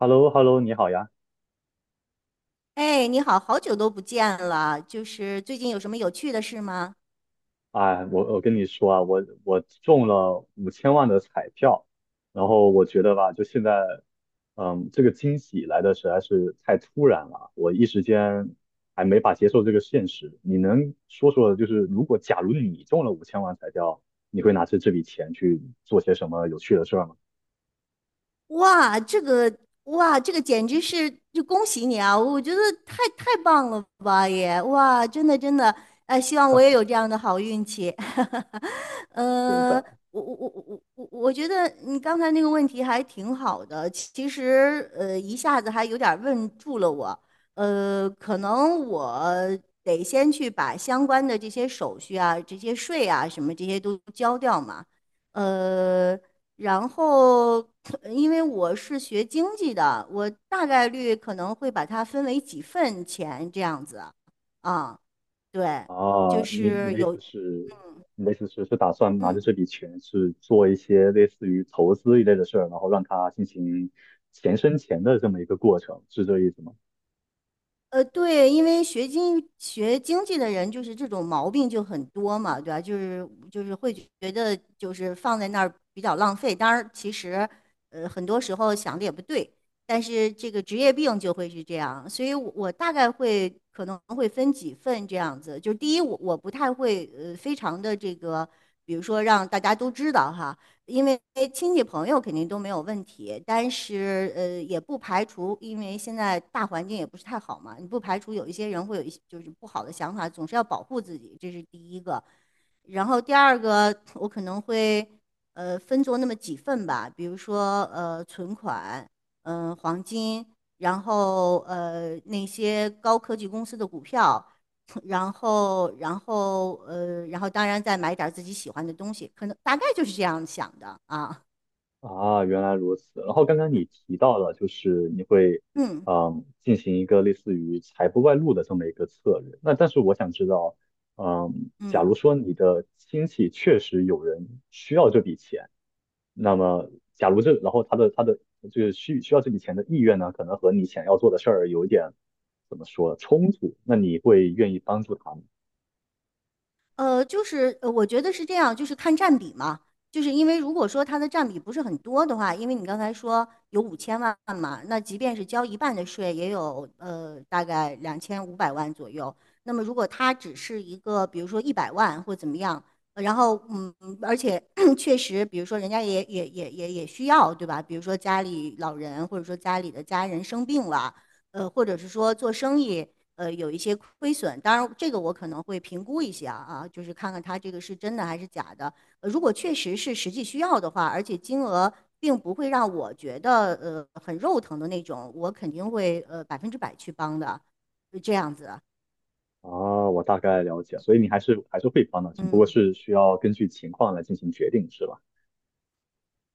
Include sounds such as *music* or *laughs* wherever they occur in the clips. h e l l o h e l l o 你好呀！哎，你好，好久都不见了，就是最近有什么有趣的事吗？哎，我跟你说啊，我中了五千万的彩票，然后我觉得吧，就现在，这个惊喜来的实在是太突然了，我一时间还没法接受这个现实。你能说说，就是如果假如你中了五千万彩票，你会拿着这笔钱去做些什么有趣的事儿吗？哇，这个哇，这个简直是就恭喜你啊！我觉得太棒了吧也，哇，真的真的，希望我也有这样的好运气。*laughs* 是呃，的。我觉得你刚才那个问题还挺好的，其实一下子还有点儿问住了我。可能我得先去把相关的这些手续啊、这些税啊什么这些都交掉嘛。呃，然后，因为我是学经济的，我大概率可能会把它分为几份钱这样子。啊，对，就啊，你是的意有，思是，你的意思是打算拿着嗯。这笔钱去做一些类似于投资一类的事儿，然后让它进行钱生钱的这么一个过程，是这意思吗？对，因为学经济的人就是这种毛病就很多嘛，对吧？就是会觉得就是放在那儿比较浪费。当然，其实很多时候想的也不对，但是这个职业病就会是这样。所以我大概会可能会分几份这样子。就是第一，我不太会非常的这个，比如说让大家都知道哈，因为亲戚朋友肯定都没有问题，但是也不排除，因为现在大环境也不是太好嘛，你不排除有一些人会有一些就是不好的想法，总是要保护自己，这是第一个。然后第二个，我可能会分作那么几份吧，比如说存款，嗯、黄金，然后那些高科技公司的股票，然后当然再买点儿自己喜欢的东西，可能大概就是这样想的啊。啊，原来如此。然后刚刚你提到了，就是你会，嗯进行一个类似于财不外露的这么一个策略。那但是我想知道，假嗯如说你的亲戚确实有人需要这笔钱。那么，假如这，然后他的就是需要这笔钱的意愿呢，可能和你想要做的事儿有一点怎么说冲突，那你会愿意帮助他吗？就是我觉得是这样，就是看占比嘛。就是因为如果说它的占比不是很多的话，因为你刚才说有5000万嘛，那即便是交一半的税，也有大概2500万左右。那么如果它只是一个，比如说100万或怎么样，然后而且 *clears throat* 确实，比如说人家也需要，对吧？比如说家里老人，或者说家里的家人生病了，或者是说做生意。有一些亏损。当然，这个我可能会评估一下啊，就是看看它这个是真的还是假的。如果确实是实际需要的话，而且金额并不会让我觉得很肉疼的那种，我肯定会100%去帮的，这样子。啊，我大概了解，所以你还是会帮的，只不过嗯。是需要根据情况来进行决定，是吧？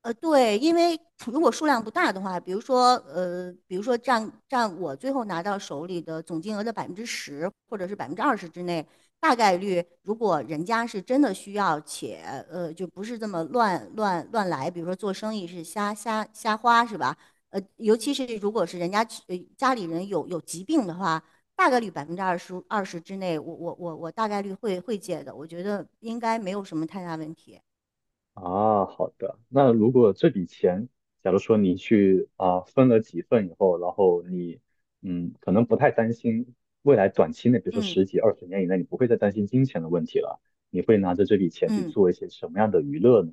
对，因为如果数量不大的话，比如说，比如说占我最后拿到手里的总金额的10%，或者是百分之二十之内，大概率如果人家是真的需要，且就不是这么乱来，比如说做生意是瞎花是吧？尤其是如果是人家家里人有疾病的话，大概率百分之二十之内，我大概率会借的，我觉得应该没有什么太大问题。啊，好的。那如果这笔钱，假如说你去啊分了几份以后，然后你可能不太担心未来短期内，比如说嗯十几二十年以内，你不会再担心金钱的问题了，你会拿着这笔钱去嗯。做一些什么样的娱乐呢？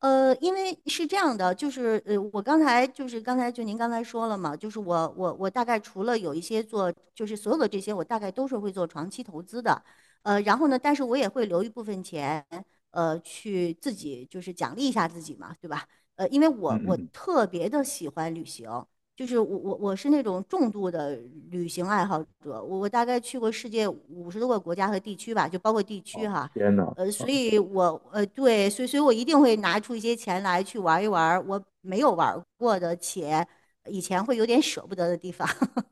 因为是这样的，就是我刚才就是刚才就您刚才说了嘛，就是我大概除了有一些做，就是所有的这些我大概都是会做长期投资的，然后呢，但是我也会留一部分钱，去自己就是奖励一下自己嘛，对吧？因为嗯我嗯我嗯。特别的喜欢旅行，就是我是那种重度的旅行爱好者，我大概去过世界50多个国家和地区吧，就包括地区哦，哈，天呐。所以我对，所以我一定会拿出一些钱来去玩一玩我没有玩过的，且以前会有点舍不得的地方。*laughs*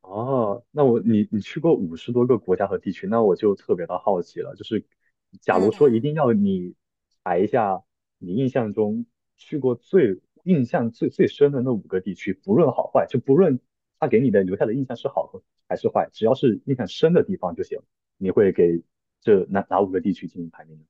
哦，那你去过50多个国家和地区，那我就特别的好奇了。就是假如说嗯一定要你排一下你印象中去过最印象最深的那五个地区，不论好坏，就不论他给你的留下的印象是好和还是坏，只要是印象深的地方就行。你会给这哪五个地区进行排名呢？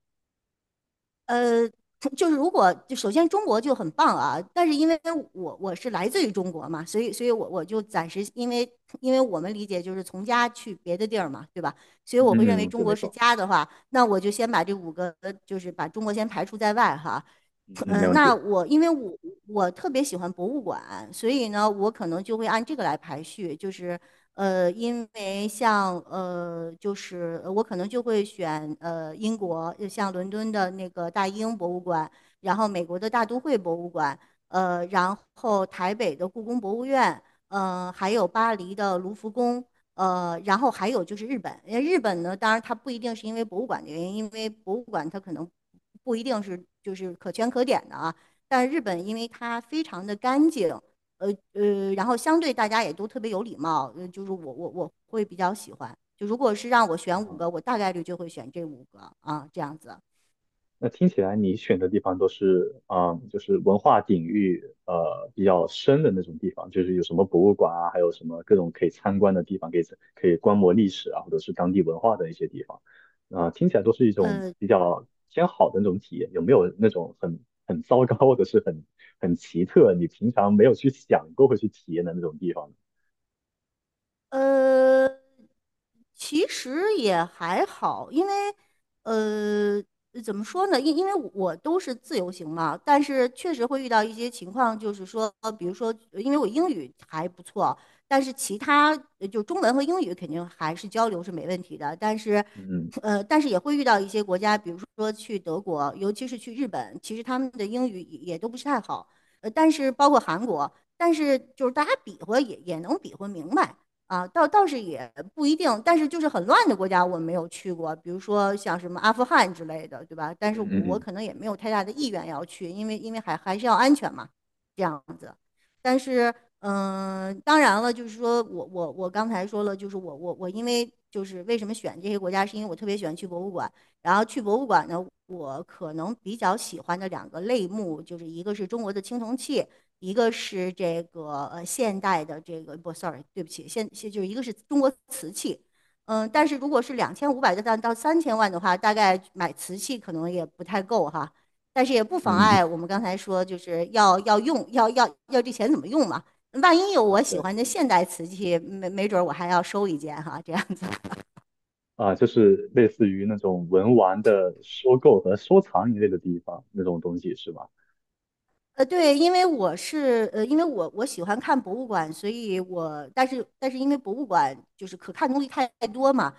呃，就是如果就首先中国就很棒啊，但是因为我是来自于中国嘛，所以我就暂时因为我们理解就是从家去别的地儿嘛，对吧？所以嗯我会认嗯为嗯，中对，没国是错。家的话，那我就先把这五个就是把中国先排除在外哈。嗯嗯，嗯，没问那题。我因为我特别喜欢博物馆，所以呢，我可能就会按这个来排序，就是因为像就是我可能就会选英国，像伦敦的那个大英博物馆，然后美国的大都会博物馆，然后台北的故宫博物院，嗯、还有巴黎的卢浮宫，然后还有就是日本，为日本呢，当然它不一定是因为博物馆的原因，因为博物馆它可能不一定是就是可圈可点的啊。但日本因为它非常的干净，呃然后相对大家也都特别有礼貌，就是我会比较喜欢。就如果是让我选五嗯。个，我大概率就会选这五个啊，这样子。那听起来你选的地方都是，就是文化底蕴比较深的那种地方，就是有什么博物馆啊，还有什么各种可以参观的地方，可以观摩历史啊，或者是当地文化的一些地方，啊、听起来都是一种呃，比较偏好的那种体验。有没有那种很糟糕或者是很奇特，你平常没有去想过会去体验的那种地方呢？呃，其实也还好，因为呃，怎么说呢？因为我都是自由行嘛，但是确实会遇到一些情况，就是说，比如说，因为我英语还不错，但是其他就中文和英语肯定还是交流是没问题的，但是。嗯但是也会遇到一些国家，比如说去德国，尤其是去日本，其实他们的英语也都不是太好。但是包括韩国，但是就是大家比划也能比划明白。啊，倒是也不一定，但是就是很乱的国家我没有去过，比如说像什么阿富汗之类的，对吧？但是嗯嗯我嗯可能也没有太大的意愿要去，因为还是要安全嘛，这样子。但是，嗯，当然了，就是说我刚才说了，就是我因为就是为什么选这些国家，是因为我特别喜欢去博物馆，然后去博物馆呢，我可能比较喜欢的两个类目，就是一个是中国的青铜器。一个是这个现代的这个不，sorry，对不起，就是一个是中国瓷器，嗯，但是如果是两千五百个蛋到3000万的话，大概买瓷器可能也不太够哈，但是也不妨嗯嗯，碍我们刚才说就是要这钱怎么用嘛，万一有 *laughs* 啊，我喜对。欢的现代瓷器，没准我还要收一件哈，这样。啊，就是类似于那种文玩的收购和收藏一类的地方那种东西是吧？对，因为我是因为我喜欢看博物馆，所以我但是因为博物馆就是可看东西太多嘛，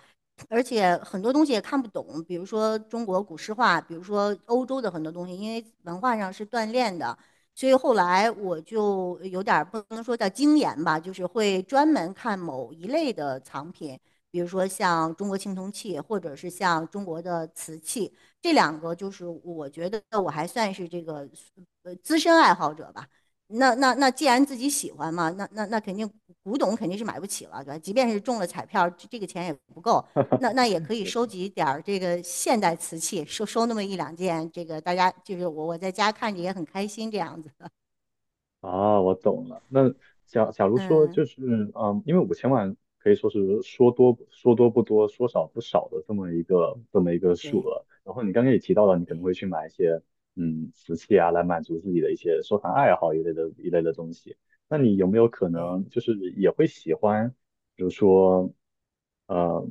而且很多东西也看不懂，比如说中国古诗画，比如说欧洲的很多东西，因为文化上是锻炼的，所以后来我就有点儿不能说叫精研吧，就是会专门看某一类的藏品，比如说像中国青铜器，或者是像中国的瓷器。这两个就是我觉得我还算是这个资深爱好者吧。那既然自己喜欢嘛，那肯定古董肯定是买不起了，对吧？即便是中了彩票，这个钱也不够。那也可以确收实。集点儿这个现代瓷器，收那么一两件，这个大家就是我在家看着也很开心这样子。啊，我懂了。那假如说嗯，就是，因为五千万可以说是说多不多，说少不少的这么一个数对额。然后你刚刚也提到了，你可能会对去买一些瓷器啊，来满足自己的一些收藏爱好一类的东西。那你有没有可对。能就是也会喜欢？比如说，呃，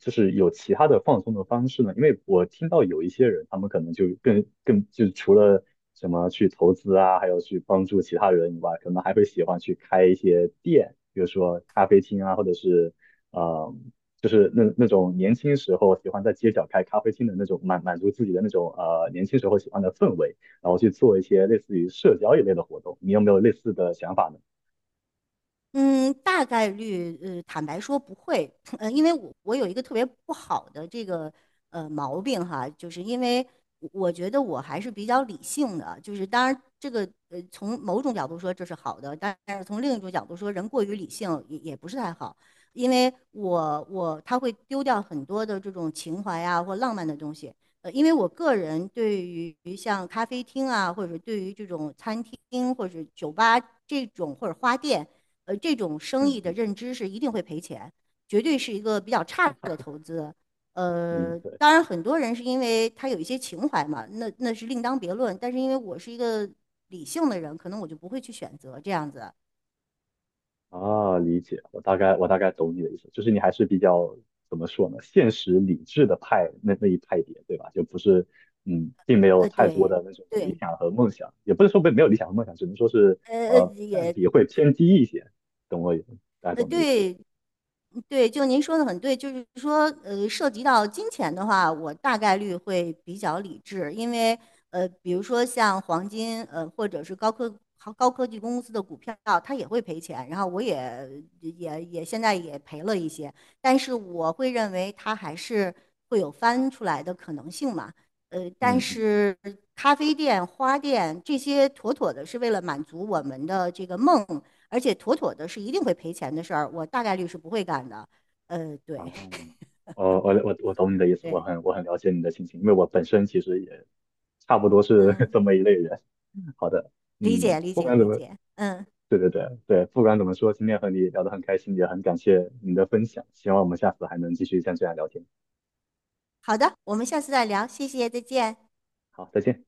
就是有其他的放松的方式呢？因为我听到有一些人，他们可能就更更就除了什么去投资啊，还有去帮助其他人以外，可能还会喜欢去开一些店，比如说咖啡厅啊，或者是呃，就是那种年轻时候喜欢在街角开咖啡厅的那种满足自己的那种年轻时候喜欢的氛围，然后去做一些类似于社交一类的活动。你有没有类似的想法呢？嗯，大概率，坦白说不会，*clears throat* 因为我有一个特别不好的这个毛病哈，就是因为我觉得我还是比较理性的，就是当然这个从某种角度说这是好的，但是从另一种角度说，人过于理性也不是太好，因为他会丢掉很多的这种情怀啊或浪漫的东西，因为我个人对于像咖啡厅啊，或者对于这种餐厅或者酒吧这种或者花店。这种生嗯意的嗯认知是一定会赔钱，绝对是一个比较差的投资。嗯，对。当然很多人是因为他有一些情怀嘛，那是另当别论。但是因为我是一个理性的人，可能我就不会去选择这样子。啊，理解，我大概懂你的意思，就是你还是比较怎么说呢，现实理智的派那一派别，对吧？就不是，并没有太多对，的那种理对，想和梦想，也不是说没有理想和梦想，只能说是呃呃，占也比会偏低一些，懂我意思，大家懂我的意思。对，对，就您说的很对，就是说，涉及到金钱的话，我大概率会比较理智，因为，比如说像黄金，或者是高科技公司的股票，它也会赔钱，然后我也也也现在也赔了一些，但是我会认为它还是会有翻出来的可能性嘛，但嗯嗯，是咖啡店、花店这些妥妥的是为了满足我们的这个梦。而且妥妥的是一定会赔钱的事儿，我大概率是不会干的。啊，对我懂你的意思，我对，很我很了解你的心情，因为我本身其实也差不多是 *laughs* 嗯，这么一类人。*laughs* 好的，理解理不解管怎理么。解，嗯，对对对对，不管怎么说，今天和你聊得很开心，也很感谢你的分享，希望我们下次还能继续像这样聊天。好的，我们下次再聊，谢谢，再见。好，再见。